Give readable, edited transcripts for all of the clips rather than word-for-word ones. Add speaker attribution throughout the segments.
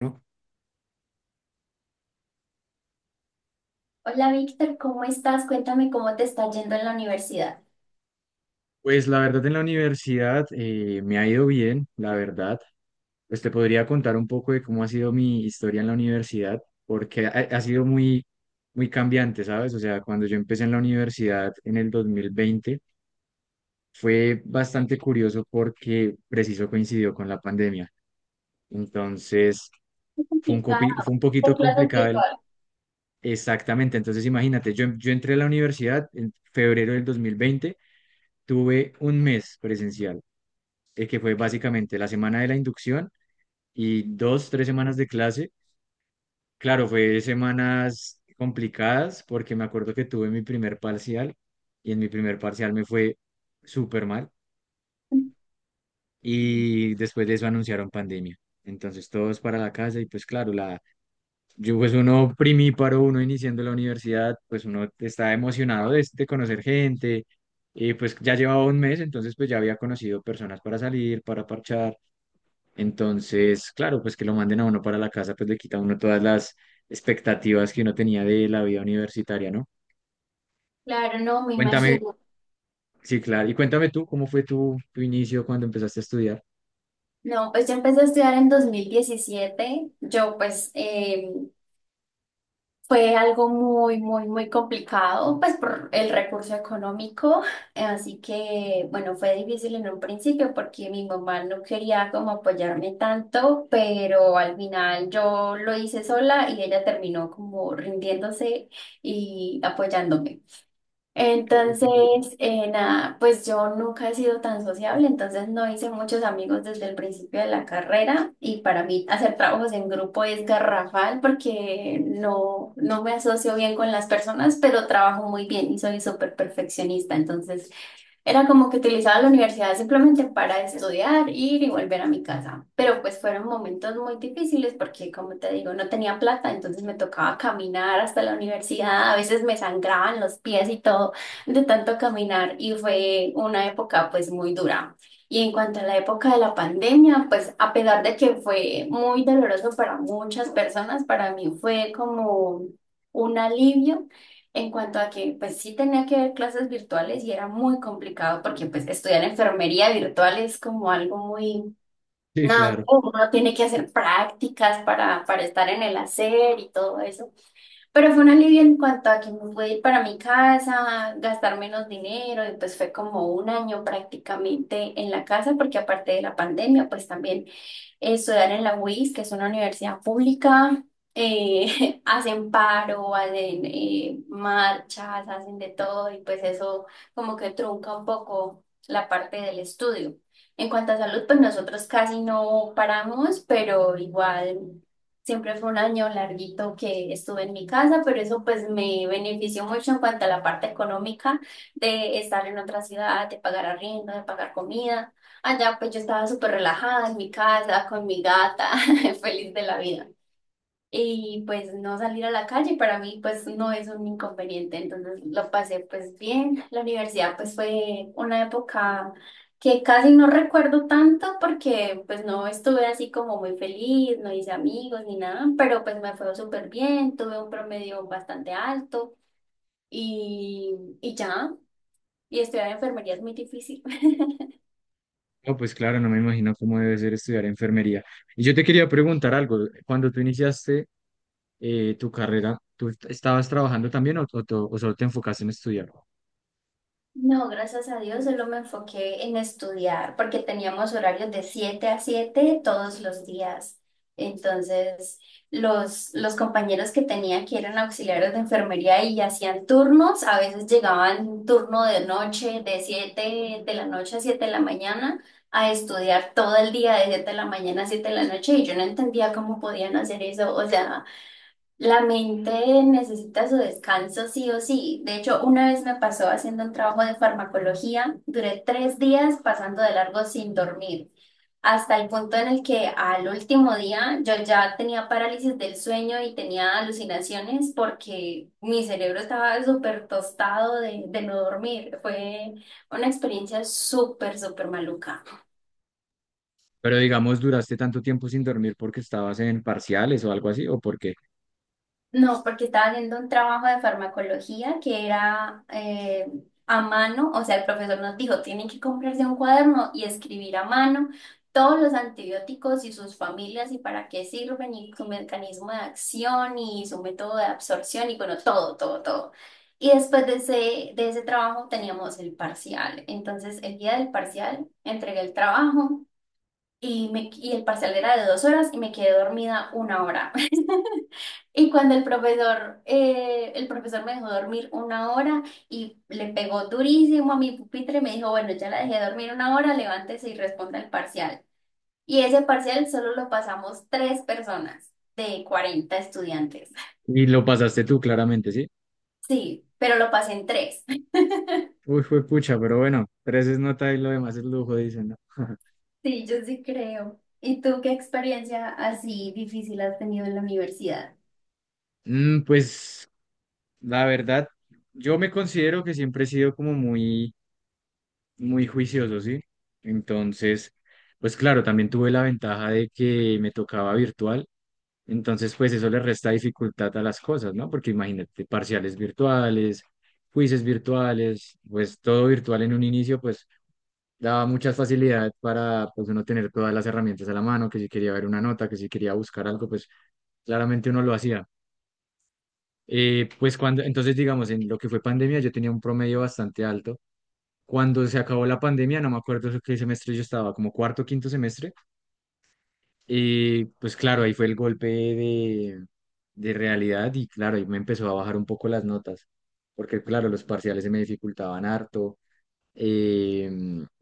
Speaker 1: ¿No?
Speaker 2: Hola Víctor, ¿cómo estás? Cuéntame cómo te está yendo en la universidad.
Speaker 1: Pues la verdad en la universidad me ha ido bien, la verdad. Pues te podría contar un poco de cómo ha sido mi historia en la universidad, porque ha sido muy, muy cambiante, ¿sabes? O sea, cuando yo empecé en la universidad en el 2020 fue bastante curioso porque preciso coincidió con la pandemia. Entonces,
Speaker 2: Es
Speaker 1: fue un,
Speaker 2: complicada,
Speaker 1: copi- fue un poquito
Speaker 2: de clases
Speaker 1: complicado
Speaker 2: virtuales.
Speaker 1: exactamente. Entonces, imagínate, yo entré a la universidad en febrero del 2020, tuve un mes presencial. Que fue básicamente la semana de la inducción y 2, 3 semanas de clase. Claro, fue semanas complicadas porque me acuerdo que tuve mi primer parcial y en mi primer parcial me fue súper mal y después de eso anunciaron pandemia. Entonces todos para la casa y pues claro, yo pues uno primíparo, uno iniciando la universidad, pues uno está emocionado de conocer gente y pues ya llevaba un mes, entonces pues ya había conocido personas para salir, para parchar. Entonces, claro, pues que lo manden a uno para la casa, pues le quita a uno todas las expectativas que uno tenía de la vida universitaria, ¿no?
Speaker 2: Claro, no, me
Speaker 1: Cuéntame,
Speaker 2: imagino.
Speaker 1: sí, claro, y cuéntame tú, ¿cómo fue tu inicio cuando empezaste a estudiar?
Speaker 2: No, pues yo empecé a estudiar en 2017. Yo pues fue algo muy, muy, muy complicado, pues por el recurso económico. Así que, bueno, fue difícil en un principio porque mi mamá no quería como apoyarme tanto, pero al final yo lo hice sola y ella terminó como rindiéndose y apoyándome.
Speaker 1: Ok, ok,
Speaker 2: Entonces,
Speaker 1: ok.
Speaker 2: nada, pues yo nunca he sido tan sociable, entonces no hice muchos amigos desde el principio de la carrera y para mí hacer trabajos en grupo es garrafal porque no, no me asocio bien con las personas, pero trabajo muy bien y soy súper perfeccionista, entonces era como que utilizaba la universidad simplemente para estudiar, ir y volver a mi casa. Pero pues fueron momentos muy difíciles porque, como te digo, no tenía plata, entonces me tocaba caminar hasta la universidad. A veces me sangraban los pies y todo de tanto caminar y fue una época pues muy dura. Y en cuanto a la época de la pandemia, pues a pesar de que fue muy doloroso para muchas personas, para mí fue como un alivio en cuanto a que, pues sí tenía que ver clases virtuales y era muy complicado porque pues estudiar enfermería virtual es como algo muy,
Speaker 1: Sí,
Speaker 2: nada,
Speaker 1: claro.
Speaker 2: uno tiene que hacer prácticas para estar en el hacer y todo eso. Pero fue un alivio en cuanto a que me pude ir para mi casa, gastar menos dinero, y pues fue como un año prácticamente en la casa, porque aparte de la pandemia, pues también estudiar en la UIS, que es una universidad pública, hacen paro, hacen marchas, hacen de todo, y pues eso como que trunca un poco la parte del estudio. En cuanto a salud, pues nosotros casi no paramos, pero igual. Siempre fue un año larguito que estuve en mi casa, pero eso pues me benefició mucho en cuanto a la parte económica de estar en otra ciudad, de pagar arriendo, de pagar comida. Allá pues yo estaba súper relajada en mi casa, con mi gata, feliz de la vida y pues no salir a la calle para mí pues no es un inconveniente, entonces lo pasé pues bien. La universidad pues fue una época que casi no recuerdo tanto porque pues no estuve así como muy feliz, no hice amigos ni nada, pero pues me fue súper bien, tuve un promedio bastante alto y, y ya, y estudiar enfermería es muy difícil.
Speaker 1: No, pues claro, no me imagino cómo debe ser estudiar enfermería. Y yo te quería preguntar algo, cuando tú iniciaste tu carrera, ¿tú estabas trabajando también o, o solo te enfocaste en estudiar?
Speaker 2: No, gracias a Dios, solo me enfoqué en estudiar, porque teníamos horarios de 7 a 7 todos los días. Entonces, los compañeros que tenía que eran auxiliares de enfermería y hacían turnos, a veces llegaban turno de noche, de 7 de la noche a 7 de la mañana, a estudiar todo el día de 7 de la mañana a siete de la noche, y yo no entendía cómo podían hacer eso. O sea, la mente necesita su descanso sí o sí. De hecho, una vez me pasó haciendo un trabajo de farmacología, duré 3 días pasando de largo sin dormir, hasta el punto en el que al último día yo ya tenía parálisis del sueño y tenía alucinaciones porque mi cerebro estaba súper tostado de no dormir. Fue una experiencia súper, súper maluca.
Speaker 1: Pero digamos, ¿duraste tanto tiempo sin dormir porque estabas en parciales o algo así? ¿O por qué?
Speaker 2: No, porque estaba haciendo un trabajo de farmacología que era a mano, o sea, el profesor nos dijo, tienen que comprarse un cuaderno y escribir a mano todos los antibióticos y sus familias y para qué sirven y su mecanismo de acción y su método de absorción y bueno, todo, todo, todo. Y después de ese, trabajo teníamos el parcial. Entonces, el día del parcial entregué el trabajo y el parcial era de 2 horas y me quedé dormida una hora. Y cuando el profesor me dejó dormir una hora y le pegó durísimo a mi pupitre y me dijo, bueno, ya la dejé dormir una hora, levántese y responda el parcial. Y ese parcial solo lo pasamos tres personas de 40 estudiantes.
Speaker 1: Y lo pasaste tú, claramente, ¿sí?
Speaker 2: Sí, pero lo pasé en tres.
Speaker 1: Uy, fue pucha, pero bueno, tres es nota y lo demás es lujo, dicen, ¿no?
Speaker 2: Sí, yo sí creo. ¿Y tú qué experiencia así difícil has tenido en la universidad?
Speaker 1: Pues la verdad, yo me considero que siempre he sido como muy, muy juicioso, ¿sí? Entonces, pues claro, también tuve la ventaja de que me tocaba virtual, entonces pues eso le resta dificultad a las cosas, ¿no? Porque imagínate, parciales virtuales, quizzes virtuales, pues todo virtual en un inicio, pues daba muchas facilidad para pues uno tener todas las herramientas a la mano, que si quería ver una nota, que si quería buscar algo, pues claramente uno lo hacía. Pues cuando, entonces digamos, en lo que fue pandemia yo tenía un promedio bastante alto. Cuando se acabó la pandemia, no me acuerdo qué semestre yo estaba, como cuarto, quinto semestre. Y pues claro, ahí fue el golpe de realidad y claro, ahí me empezó a bajar un poco las notas, porque claro, los parciales se me dificultaban harto eh,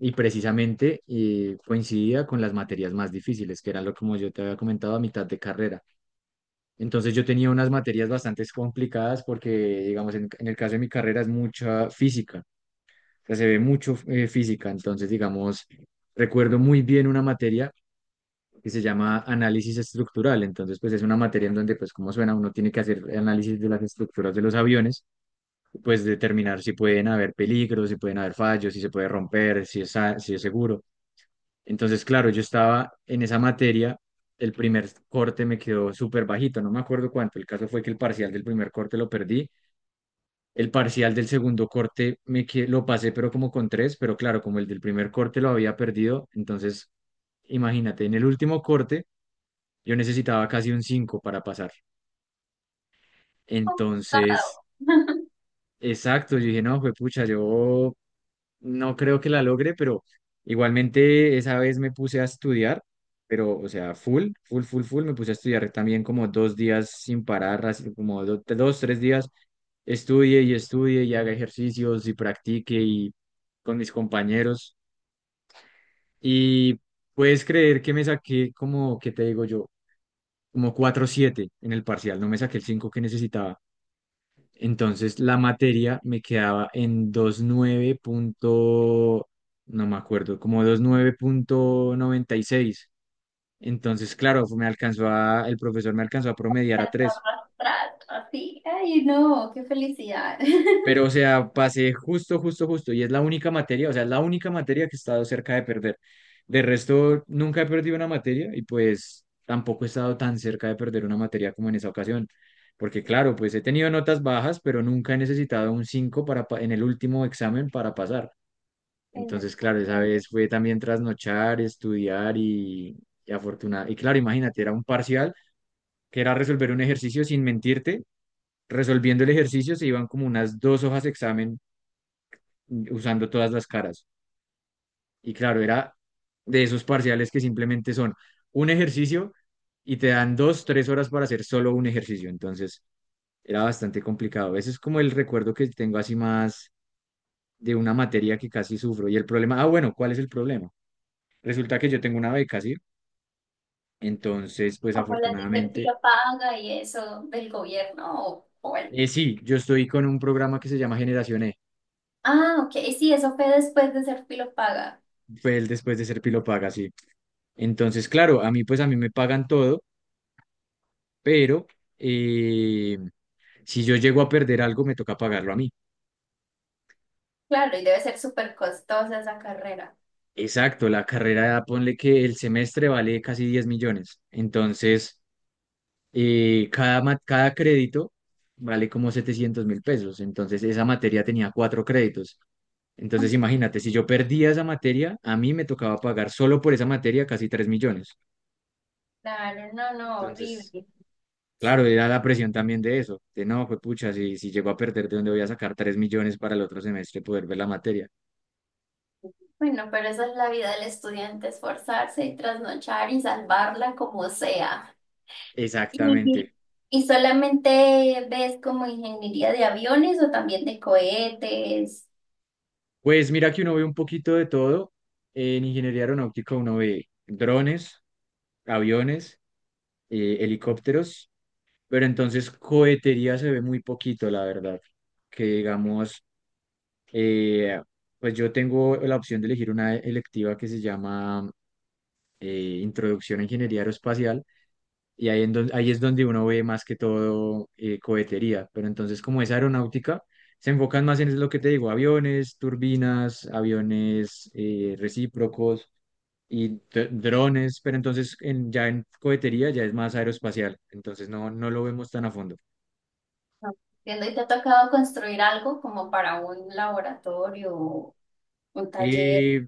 Speaker 1: y precisamente coincidía con las materias más difíciles, que eran lo como yo te había comentado a mitad de carrera. Entonces yo tenía unas materias bastante complicadas porque, digamos, en el caso de mi carrera es mucha física, o sea, se ve mucho física, entonces, digamos, recuerdo muy bien una materia que se llama análisis estructural. Entonces, pues es una materia en donde, pues como suena, uno tiene que hacer análisis de las estructuras de los aviones, pues determinar si pueden haber peligros, si pueden haber fallos, si se puede romper, si es seguro. Entonces, claro, yo estaba en esa materia, el primer corte me quedó súper bajito, no me acuerdo cuánto. El caso fue que el parcial del primer corte lo perdí. El parcial del segundo corte lo pasé, pero como con tres, pero claro, como el del primer corte lo había perdido, entonces imagínate, en el último corte yo necesitaba casi un 5 para pasar.
Speaker 2: Complicado.
Speaker 1: Entonces, exacto, yo dije, no, pues pucha, yo no creo que la logre, pero igualmente esa vez me puse a estudiar, pero, o sea, full, full, full, full, me puse a estudiar también como 2 días sin parar, así como dos, tres días, estudie y estudie y haga ejercicios y practique y con mis compañeros. Y puedes creer que me saqué como, ¿qué te digo yo? Como 4,7 en el parcial, no me saqué el 5 que necesitaba. Entonces la materia me quedaba en 29 punto, no me acuerdo, como 29,96. Entonces, claro, el profesor me alcanzó a promediar a tres.
Speaker 2: Arrastrar, así. Ay, no, qué felicidad.
Speaker 1: Pero, o sea, pasé justo, justo, justo. Y es la única materia, o sea, es la única materia que he estado cerca de perder. De resto, nunca he perdido una materia y pues tampoco he estado tan cerca de perder una materia como en esa ocasión. Porque claro, pues he tenido notas bajas, pero nunca he necesitado un 5 en el último examen para pasar.
Speaker 2: En-
Speaker 1: Entonces, claro, esa vez fue también trasnochar, estudiar y, y claro, imagínate, era un parcial que era resolver un ejercicio sin mentirte, resolviendo el ejercicio se iban como unas 2 hojas de examen usando todas las caras. Y claro, era de esos parciales que simplemente son un ejercicio y te dan 2, 3 horas para hacer solo un ejercicio. Entonces era bastante complicado. Ese es como el recuerdo que tengo así más de una materia que casi sufro. Y el problema, ah, bueno, ¿cuál es el problema? Resulta que yo tengo una beca, ¿sí? Entonces, pues
Speaker 2: Como las de
Speaker 1: afortunadamente,
Speaker 2: Serpilo Paga y eso del gobierno. O bueno.
Speaker 1: sí, yo estoy con un programa que se llama Generación E.
Speaker 2: Ah, ok, sí, eso fue después de Serpilo Paga.
Speaker 1: Fue el después de ser Pilo Paga, sí. Entonces, claro, a mí pues a mí me pagan todo, pero eh, Si yo llego a perder algo, me toca pagarlo a mí.
Speaker 2: Claro, y debe ser súper costosa esa carrera.
Speaker 1: Exacto, la carrera, ponle que el semestre vale casi 10 millones. Entonces, cada crédito vale como 700.000 pesos. Entonces, esa materia tenía 4 créditos. Entonces, imagínate, si yo perdía esa materia, a mí me tocaba pagar solo por esa materia casi 3 millones.
Speaker 2: Claro, no, no,
Speaker 1: Entonces,
Speaker 2: horrible.
Speaker 1: claro, era la presión también de eso. De no, pues pucha, si llego a perder, ¿de dónde voy a sacar 3 millones para el otro semestre poder ver la materia?
Speaker 2: Bueno, pero esa es la vida del estudiante, esforzarse y trasnochar y salvarla como sea.
Speaker 1: Exactamente.
Speaker 2: ¿Y, y solamente ves como ingeniería de aviones o también de cohetes?
Speaker 1: Pues mira que uno ve un poquito de todo. En ingeniería aeronáutica uno ve drones, aviones, helicópteros, pero entonces cohetería se ve muy poquito, la verdad. Que digamos, eh, pues yo tengo la opción de elegir una electiva que se llama Introducción a Ingeniería Aeroespacial. Y ahí, ahí es donde uno ve más que todo cohetería. Pero entonces, como es aeronáutica, se enfocan más en lo que te digo, aviones, turbinas, aviones recíprocos y drones. Pero entonces, ya en cohetería ya es más aeroespacial. Entonces, no, no lo vemos tan a fondo.
Speaker 2: Entiendo, ¿y te ha tocado construir algo como para un laboratorio, o un taller?
Speaker 1: Eh,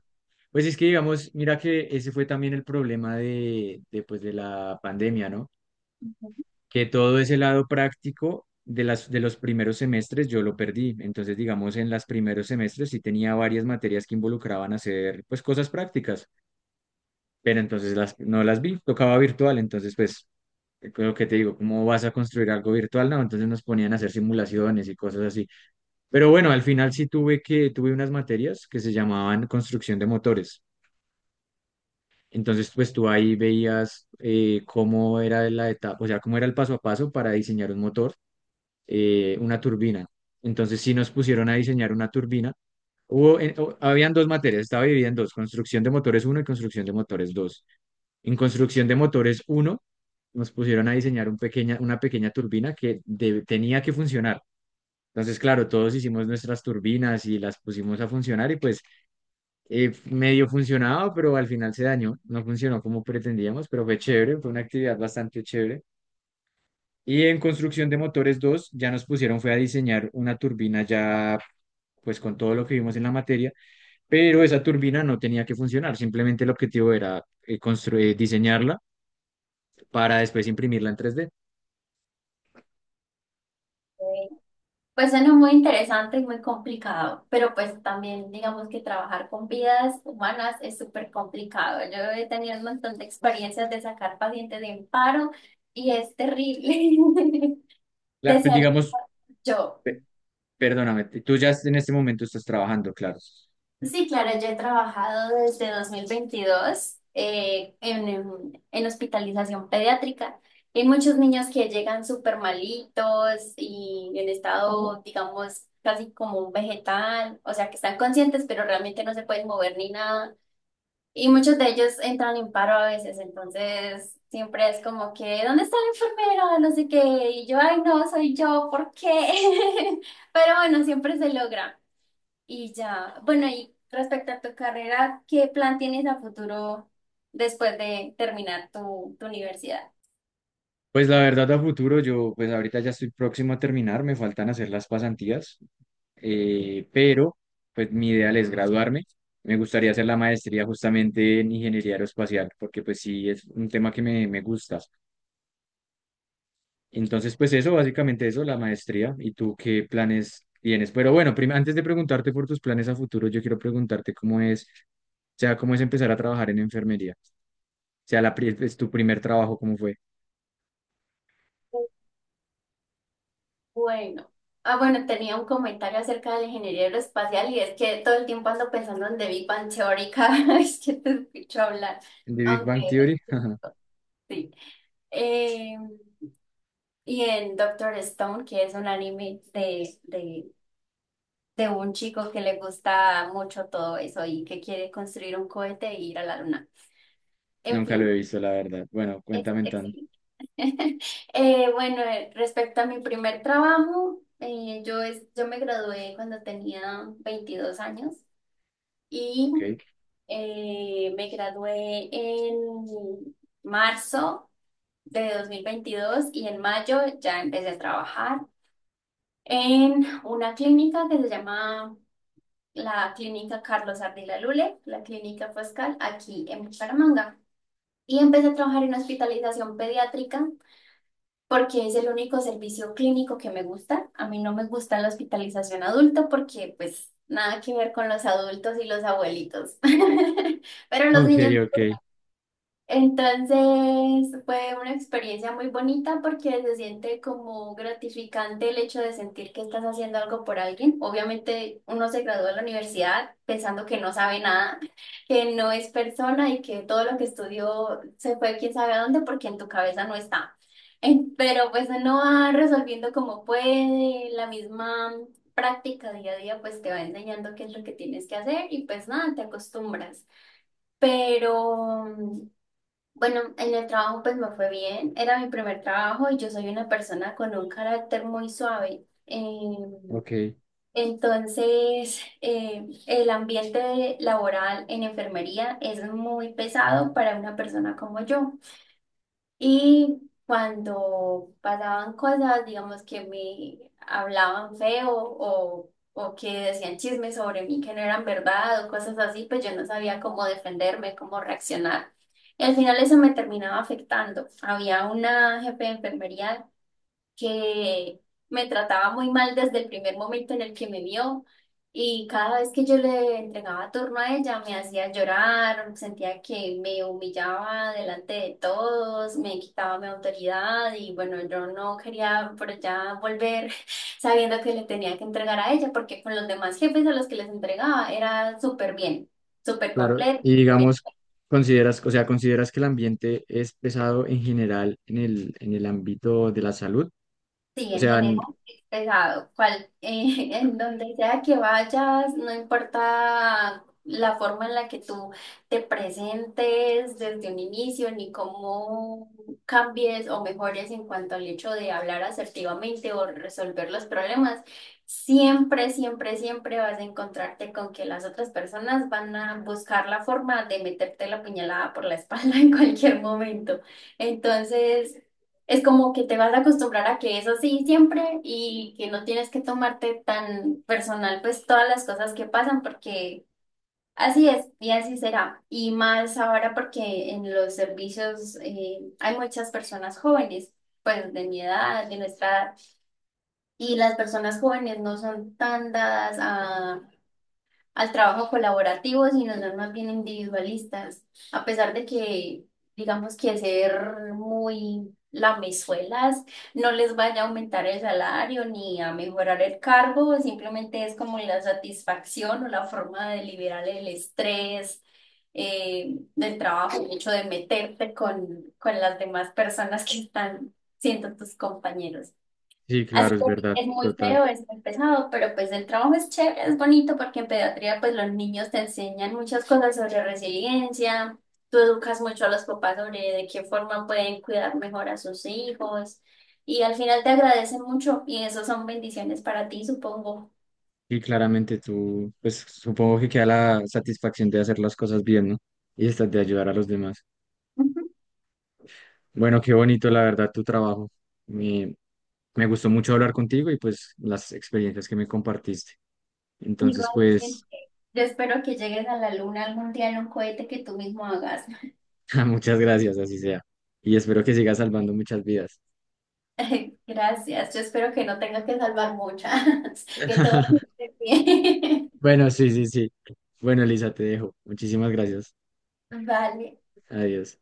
Speaker 1: pues es que, digamos, mira que ese fue también el problema de la pandemia, ¿no?
Speaker 2: Ujú.
Speaker 1: Que todo ese lado práctico de de los primeros semestres yo lo perdí. Entonces, digamos, en los primeros semestres sí tenía varias materias que involucraban hacer, pues, cosas prácticas, pero entonces no las vi, tocaba virtual, entonces, pues, lo que te digo, ¿cómo vas a construir algo virtual? No, entonces nos ponían a hacer simulaciones y cosas así. Pero bueno, al final sí tuve unas materias que se llamaban construcción de motores. Entonces, pues tú ahí veías cómo era la etapa, o sea, cómo era el paso a paso para diseñar un motor, una turbina. Entonces sí nos pusieron a diseñar una turbina. Habían dos materias, estaba dividida en dos, construcción de motores uno y construcción de motores dos. En construcción de motores uno nos pusieron a diseñar una pequeña turbina tenía que funcionar. Entonces, claro, todos hicimos nuestras turbinas y las pusimos a funcionar y pues medio funcionaba, pero al final se dañó, no funcionó como pretendíamos, pero fue chévere, fue una actividad bastante chévere. Y en construcción de motores dos ya nos pusieron fue a diseñar una turbina ya pues con todo lo que vimos en la materia, pero esa turbina no tenía que funcionar, simplemente el objetivo era construir, diseñarla para después imprimirla en 3D.
Speaker 2: Ok. Pues suena muy interesante y muy complicado, pero pues también digamos que trabajar con vidas humanas es súper complicado. Yo he tenido un montón de experiencias de sacar pacientes de un paro y es terrible.
Speaker 1: Pues,
Speaker 2: Desearía
Speaker 1: digamos,
Speaker 2: yo.
Speaker 1: pe- perdóname, tú ya en este momento estás trabajando, claro.
Speaker 2: Sí, claro, yo he trabajado desde 2022 en hospitalización pediátrica. Hay muchos niños que llegan súper malitos y en estado, digamos, casi como un vegetal, o sea, que están conscientes, pero realmente no se pueden mover ni nada. Y muchos de ellos entran en paro a veces, entonces siempre es como que, ¿dónde está la enfermera? No sé qué. Y yo, ay, no, soy yo, ¿por qué? Pero bueno, siempre se logra. Y ya, bueno, y respecto a tu carrera, ¿qué plan tienes a futuro después de terminar tu, tu universidad?
Speaker 1: Pues la verdad a futuro, yo pues ahorita ya estoy próximo a terminar, me faltan hacer las pasantías, pero pues mi ideal es graduarme. Me gustaría hacer la maestría justamente en ingeniería aeroespacial, porque pues sí es un tema que me gusta. Entonces, pues eso, básicamente eso, la maestría. ¿Y tú qué planes tienes? Pero bueno, antes de preguntarte por tus planes a futuro, yo quiero preguntarte cómo es, o sea, cómo es empezar a trabajar en enfermería. O sea, es tu primer trabajo, ¿cómo fue?
Speaker 2: Bueno, ah, bueno, tenía un comentario acerca de la ingeniería aeroespacial y es que todo el tiempo ando pensando en The Big Bang Theory cada vez que te escucho hablar,
Speaker 1: ¿De Big Bang
Speaker 2: aunque
Speaker 1: Theory?
Speaker 2: sí. Eh, y en Doctor Stone, que es un anime de un chico que le gusta mucho todo eso y que quiere construir un cohete e ir a la luna. En
Speaker 1: Nunca lo he
Speaker 2: fin,
Speaker 1: visto, la verdad. Bueno,
Speaker 2: es
Speaker 1: cuéntame tan.
Speaker 2: excelente. Bueno, respecto a mi primer trabajo, yo me gradué cuando tenía 22 años y
Speaker 1: Ok.
Speaker 2: me gradué en marzo de 2022 y en mayo ya empecé a trabajar en una clínica que se llama la Clínica Carlos Ardila Lule, la Clínica Pascal, aquí en Bucaramanga. Y empecé a trabajar en hospitalización pediátrica porque es el único servicio clínico que me gusta. A mí no me gusta la hospitalización adulto porque pues nada que ver con los adultos y los abuelitos. Pero los
Speaker 1: Ok,
Speaker 2: niños
Speaker 1: ok,
Speaker 2: entonces fue una experiencia muy bonita porque se siente como gratificante el hecho de sentir que estás haciendo algo por alguien. Obviamente uno se graduó de la universidad pensando que no sabe nada, que no es persona y que todo lo que estudió se fue quién sabe a dónde porque en tu cabeza no está. Pero pues uno va resolviendo como puede, la misma práctica día a día pues te va enseñando qué es lo que tienes que hacer y pues nada, te acostumbras. Pero bueno, en el trabajo pues me fue bien, era mi primer trabajo y yo soy una persona con un carácter muy suave.
Speaker 1: ok.
Speaker 2: Entonces, el ambiente laboral en enfermería es muy pesado para una persona como yo. Y cuando pasaban cosas, digamos que me hablaban feo o que decían chismes sobre mí que no eran verdad o cosas así, pues yo no sabía cómo defenderme, cómo reaccionar. Y al final eso me terminaba afectando. Había una jefe de enfermería que me trataba muy mal desde el primer momento en el que me vio y cada vez que yo le entregaba turno a ella me hacía llorar, sentía que me humillaba delante de todos, me quitaba mi autoridad y bueno, yo no quería por allá volver sabiendo que le tenía que entregar a ella porque con los demás jefes a los que les entregaba era súper bien, súper
Speaker 1: Claro,
Speaker 2: completo.
Speaker 1: y digamos, consideras, o sea, ¿consideras que el ambiente es pesado en general en en el ámbito de la salud?
Speaker 2: Sí,
Speaker 1: O
Speaker 2: en
Speaker 1: sea,
Speaker 2: general es pesado. En donde sea que vayas, no importa la forma en la que tú te presentes desde un inicio, ni cómo cambies o mejores en cuanto al hecho de hablar asertivamente o resolver los problemas, siempre, siempre, siempre vas a encontrarte con que las otras personas van a buscar la forma de meterte la puñalada por la espalda en cualquier momento. Entonces. Es como que te vas a acostumbrar a que es así siempre y que no tienes que tomarte tan personal pues todas las cosas que pasan porque así es y así será. Y más ahora porque en los servicios hay muchas personas jóvenes, pues de mi edad, de nuestra edad, y las personas jóvenes no son tan dadas al trabajo colaborativo, sino son más bien individualistas. A pesar de que, digamos que ser muy lamezuelas no les vaya a aumentar el salario ni a mejorar el cargo, simplemente es como la satisfacción o la forma de liberar el estrés del trabajo, el hecho de meterte con las demás personas que están siendo tus compañeros.
Speaker 1: sí,
Speaker 2: Así
Speaker 1: claro,
Speaker 2: que
Speaker 1: es
Speaker 2: sí,
Speaker 1: verdad,
Speaker 2: es muy
Speaker 1: total.
Speaker 2: feo, es muy pesado, pero pues el trabajo es chévere, es bonito porque en pediatría pues los niños te enseñan muchas cosas sobre resiliencia, tú educas mucho a los papás sobre de qué forma pueden cuidar mejor a sus hijos y al final te agradecen mucho y eso son bendiciones para ti, supongo.
Speaker 1: Y claramente tú, pues supongo que queda la satisfacción de hacer las cosas bien, ¿no? Y esta de ayudar a los demás.
Speaker 2: Ujú.
Speaker 1: Bueno, qué bonito, la verdad, tu trabajo. Me, me gustó mucho hablar contigo y pues las experiencias que me compartiste. Entonces,
Speaker 2: Igual,
Speaker 1: pues,
Speaker 2: yo espero que llegues a la luna algún día en un cohete que tú mismo hagas.
Speaker 1: muchas gracias, así sea. Y espero que sigas salvando muchas vidas.
Speaker 2: Gracias, yo espero que no tengas que salvar muchas, que todo esté bien.
Speaker 1: Bueno, sí, sí, sí. Bueno, Elisa, te dejo. Muchísimas gracias.
Speaker 2: Vale.
Speaker 1: Adiós.